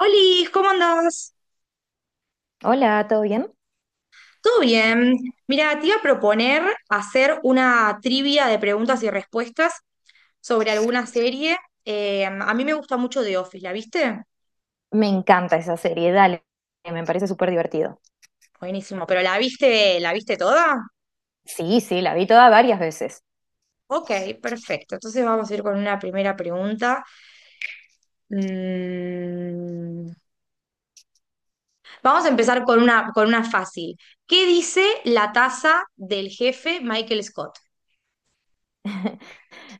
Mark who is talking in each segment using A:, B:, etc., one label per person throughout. A: Olis, ¿cómo andás?
B: Hola, ¿todo bien?
A: ¿Todo bien? Mira, te iba a proponer hacer una trivia de preguntas y respuestas sobre alguna serie. A mí me gusta mucho The Office, ¿la viste?
B: Me encanta esa serie, dale, me parece súper divertido.
A: Buenísimo, pero la viste toda?
B: Sí, sí, la vi toda varias veces.
A: Ok, perfecto. Entonces vamos a ir con una primera pregunta. Mm, Vamos a empezar con con una fácil. ¿Qué dice la taza del jefe Michael Scott?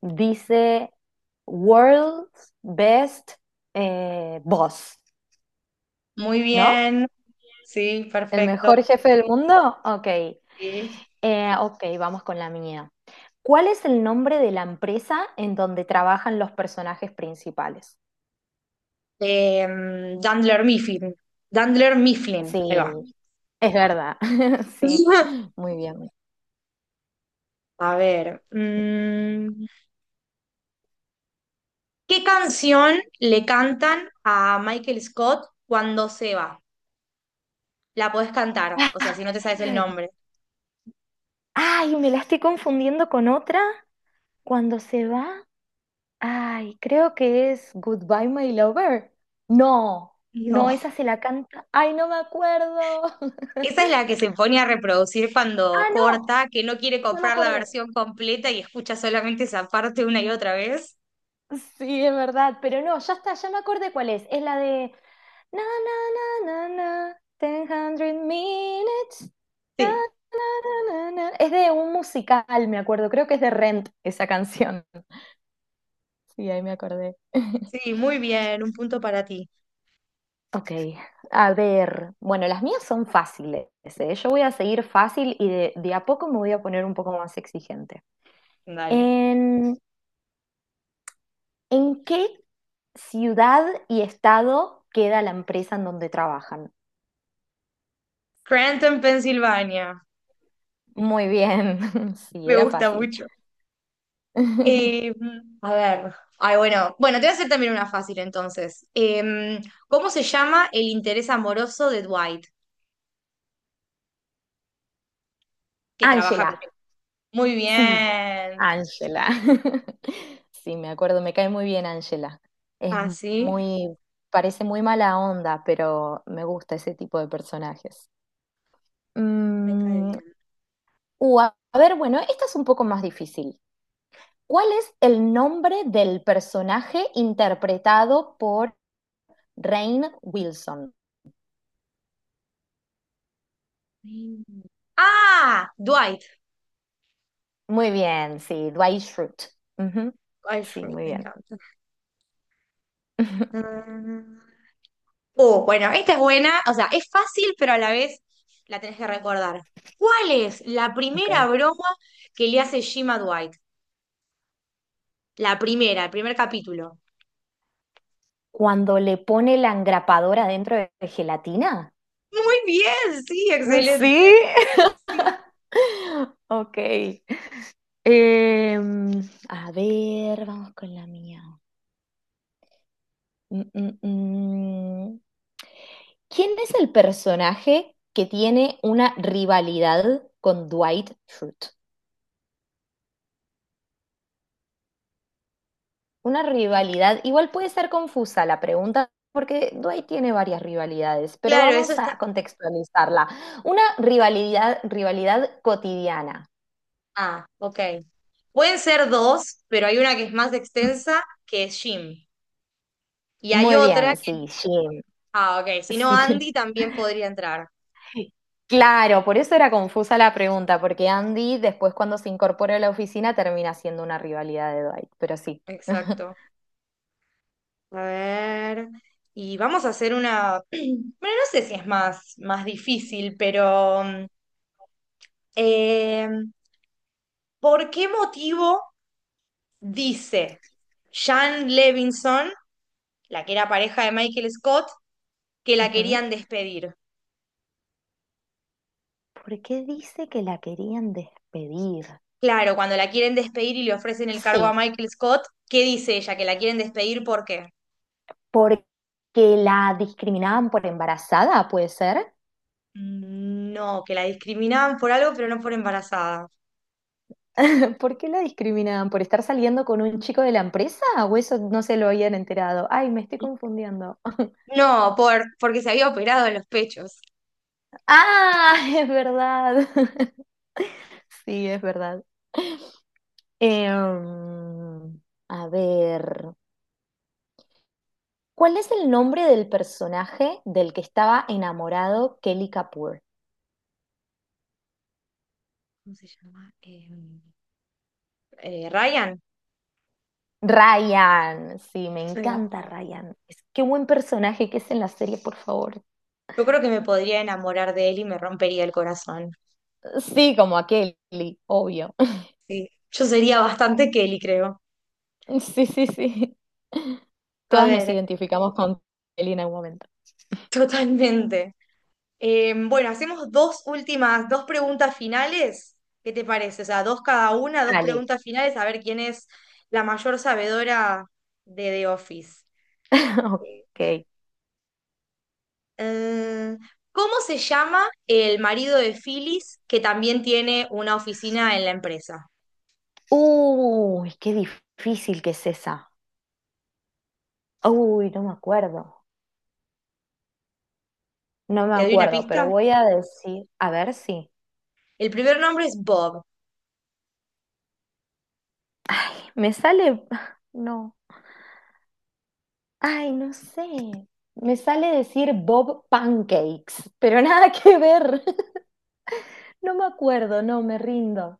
B: Dice World's Best Boss,
A: Muy
B: ¿no?
A: bien. Sí,
B: ¿El
A: perfecto.
B: mejor jefe del mundo? Ok.
A: Sí.
B: Ok, vamos con la mía. ¿Cuál es el nombre de la empresa en donde trabajan los personajes principales?
A: Eh, Dandler Mifflin. Dandler Mifflin. Ahí
B: Sí,
A: va.
B: es verdad, sí, muy bien.
A: A ver. ¿Qué canción le cantan a Michael Scott cuando se va? La podés cantar, o sea,
B: Ah,
A: si no te sabes el nombre.
B: ay, me la estoy confundiendo con otra cuando se va. Ay, creo que es Goodbye, My Lover. No, no,
A: No.
B: esa se la canta. Ay, no me acuerdo.
A: Esa es la que se pone a reproducir cuando
B: Ah, no,
A: corta, que no quiere
B: no me
A: comprar la
B: acordé.
A: versión completa y escucha solamente esa parte una y otra vez.
B: Sí, es verdad, pero no, ya está, ya me acordé cuál es. Es la de na na na na na, ten hundred minutes. Na,
A: Sí,
B: na, na. Es de un musical, me acuerdo. Creo que es de Rent esa canción. Sí, ahí me acordé.
A: sí, muy bien, un punto para ti.
B: Ok, a ver, bueno, las mías son fáciles, ¿eh? Yo voy a seguir fácil y de a poco me voy a poner un poco más exigente.
A: Dale.
B: ¿En, en qué ciudad y estado queda la empresa en donde trabajan?
A: Scranton, Pensilvania.
B: Muy bien, sí,
A: Me
B: era
A: gusta
B: fácil.
A: mucho. Eh, bueno, bueno, te voy a hacer también una fácil entonces. ¿Cómo se llama el interés amoroso de Dwight que trabaja
B: Ángela,
A: con él? Muy
B: sí,
A: bien.
B: Ángela. Sí, me acuerdo, me cae muy bien Ángela. Es
A: Ah, sí,
B: muy, parece muy mala onda, pero me gusta ese tipo de personajes.
A: me cae
B: Mm.
A: bien.
B: A ver, bueno, esta es un poco más difícil. ¿Cuál es el nombre del personaje interpretado por Rainn Wilson?
A: Mm. Ah, Dwight.
B: Muy bien, sí, Dwight Schrute. Ujú.
A: Ay,
B: Sí,
A: Shrek,
B: muy
A: me
B: bien.
A: encanta. Mm. Oh, bueno, esta es buena, o sea, es fácil, pero a la vez la tenés que recordar. ¿Cuál es la
B: Ok.
A: primera broma que le hace Jim a Dwight? La primera, el primer capítulo.
B: Cuando le pone la engrapadora dentro de gelatina.
A: Muy bien, sí, excelente.
B: Sí,
A: Sí,
B: ok. Em, a ver, vamos con la mía. Mm, mm, mm. ¿Quién es el personaje que tiene una rivalidad con Dwight Schrute? Una rivalidad, igual puede ser confusa la pregunta, porque Dwight tiene varias rivalidades, pero
A: claro, eso
B: vamos
A: está.
B: a contextualizarla. Una rivalidad, rivalidad cotidiana.
A: Ah, ok. Pueden ser dos, pero hay una que es más extensa, que es Jim. Y hay
B: Muy
A: otra
B: bien,
A: que...
B: sí, Jim,
A: Ah, ok. Si no,
B: sí.
A: Andy también podría entrar.
B: Claro, por eso era confusa la pregunta, porque Andy después cuando se incorpora a la oficina termina siendo una rivalidad de Dwight, pero sí.
A: Exacto. A ver. Y vamos a hacer una... Bueno, no sé si es más difícil, pero... Eh, ¿por qué motivo dice Jan Levinson, la que era pareja de Michael Scott, que la
B: Ujú.
A: querían despedir?
B: ¿Por qué dice que la querían despedir?
A: Claro, cuando la quieren despedir y le ofrecen el
B: Sí,
A: cargo a Michael Scott, ¿qué dice ella? ¿Que la quieren despedir por qué?
B: porque la discriminaban por embarazada, ¿puede ser?
A: No, que la discriminaban por algo, pero no por embarazada.
B: ¿Por qué la discriminaban? ¿Por estar saliendo con un chico de la empresa? ¿O eso no se lo habían enterado? Ay, me estoy confundiendo.
A: No, porque se había operado en los pechos.
B: Ah, es verdad. Sí, es verdad. Em, a ver, ¿cuál es el nombre del personaje del que estaba enamorado Kelly Kapoor?
A: ¿Cómo se llama? Ryan.
B: Ryan, sí, me
A: Ahí va.
B: encanta Ryan. Qué buen personaje que es en la serie, por favor.
A: Yo creo que me podría enamorar de él y me rompería el corazón.
B: Sí, como a Kelly, obvio.
A: Sí. Yo sería bastante Kelly, creo.
B: Sí, sí, sí.
A: A
B: Todas nos
A: ver,
B: identificamos con Kelly en algún momento.
A: totalmente. Bueno, hacemos dos últimas, dos preguntas finales. ¿Qué te parece? O sea, dos cada una, dos
B: Dale.
A: preguntas finales, a ver quién es la mayor sabedora de The Office.
B: Ok.
A: Eh, ¿Cómo se llama el marido de Phyllis que también tiene una oficina en la empresa?
B: Uy, qué difícil que es esa. Uy, no me acuerdo. No me
A: ¿Te doy una
B: acuerdo, pero
A: pista?
B: voy a decir, a ver si.
A: El primer nombre es Bob.
B: Me sale, no. Ay, no sé. Me sale decir Bob Pancakes, pero nada que ver. No me acuerdo, no, me rindo.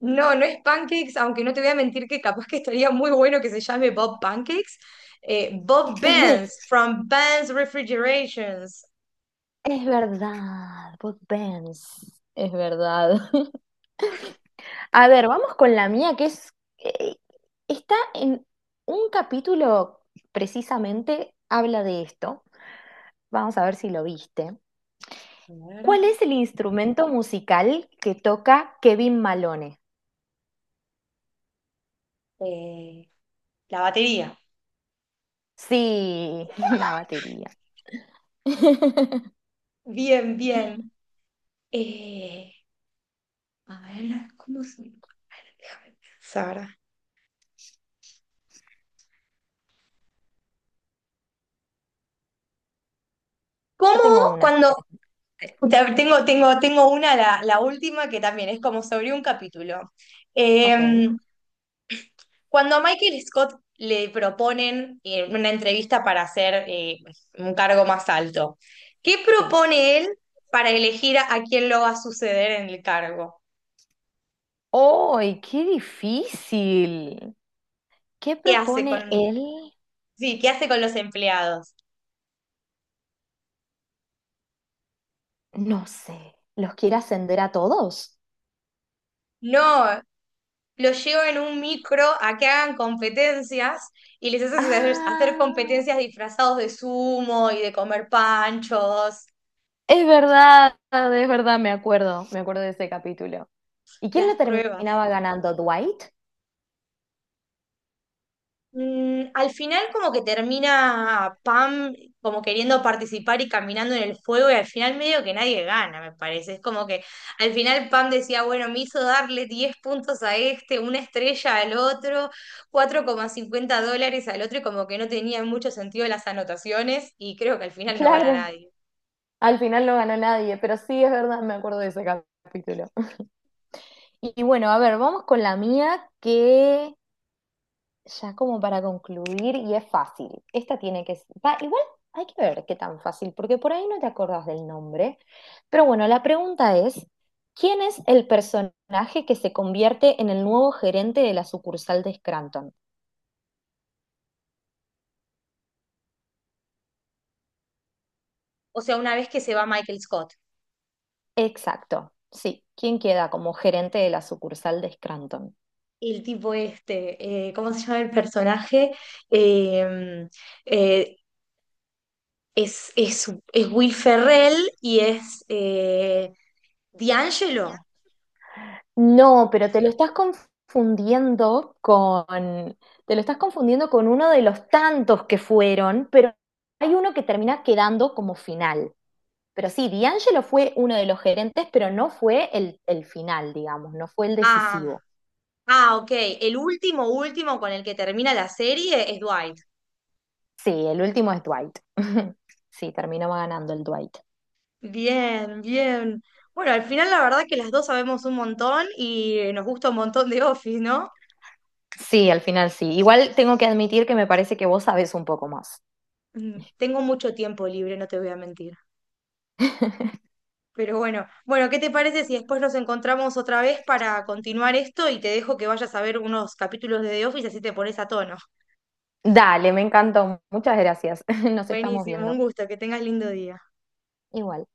A: No, no es pancakes, aunque no te voy a mentir que capaz que estaría muy bueno que se llame Bob Pancakes. Bob Benz, from Benz Refrigerations.
B: Es verdad, Bud Benz. Es verdad. A ver, vamos con la mía, que es. eh, Está en un capítulo precisamente, habla de esto. Vamos a ver si lo viste.
A: A ver,
B: ¿Cuál es el instrumento musical que toca Kevin Malone?
A: eh, la batería.
B: Sí, la batería.
A: Bien, bien. Eh, ¿Cómo se... a ver, déjame pensar. ¿Cómo
B: Yo tengo una, si
A: cuando...
B: querés.
A: Tengo una, la última, que también es como sobre un capítulo.
B: Ok,
A: Em, cuando a Michael Scott le proponen una entrevista para hacer un cargo más alto, ¿qué
B: sí.
A: propone él para elegir a quién lo va a suceder en el cargo?
B: ¡Ay, qué difícil! ¿Qué
A: ¿Qué hace
B: propone
A: con,
B: él?
A: sí, qué hace con los empleados?
B: No sé. ¿Los quiere ascender a todos?
A: No, los llevo en un micro a que hagan competencias y les haces hacer
B: Ah,
A: competencias disfrazados de sumo y de comer panchos,
B: es verdad, me acuerdo de ese capítulo. ¿Y quién
A: las
B: lo
A: pruebas.
B: terminaba ganando? ¿Dwight?
A: Mm, al final como que termina Pam como queriendo participar y caminando en el fuego y al final medio que nadie gana, me parece. Es como que al final Pam decía, bueno, me hizo darle 10 puntos a este, una estrella al otro, $4,50 al otro y como que no tenía mucho sentido las anotaciones y creo que al final no gana
B: Claro,
A: nadie.
B: al final no ganó nadie, pero sí es verdad, me acuerdo de ese capítulo. Y bueno, a ver, vamos con la mía, que ya como para concluir, y es fácil. Esta tiene que... va, igual hay que ver qué tan fácil, porque por ahí no te acordás del nombre. Pero bueno, la pregunta es, ¿quién es el personaje que se convierte en el nuevo gerente de la sucursal de Scranton?
A: O sea, una vez que se va Michael Scott.
B: Exacto, sí. ¿Quién queda como gerente de la sucursal de Scranton?
A: El tipo este, ¿cómo se llama el personaje? Eh, eh, es Will Ferrell y es D'Angelo.
B: No, pero te lo estás confundiendo con... te lo estás confundiendo con uno de los tantos que fueron, pero hay uno que termina quedando como final. Pero sí, D'Angelo fue uno de los gerentes, pero no fue el final, digamos, no fue el
A: Ah,
B: decisivo.
A: ah, ok. El último con el que termina la serie es Dwight.
B: Sí, el último es Dwight. Sí, terminó ganando el Dwight.
A: Bien, bien. Bueno, al final la verdad que las dos sabemos un montón y nos gusta un montón de Office, ¿no?
B: Sí, al final sí. Igual tengo que admitir que me parece que vos sabés un poco más.
A: Mm, tengo mucho tiempo libre, no te voy a mentir. Pero bueno, ¿qué te parece si después nos encontramos otra vez para continuar esto y te dejo que vayas a ver unos capítulos de The Office así te pones a tono?
B: Dale, me encantó. Muchas gracias. Nos estamos
A: Buenísimo, un
B: viendo.
A: gusto, que tengas lindo día.
B: Igual.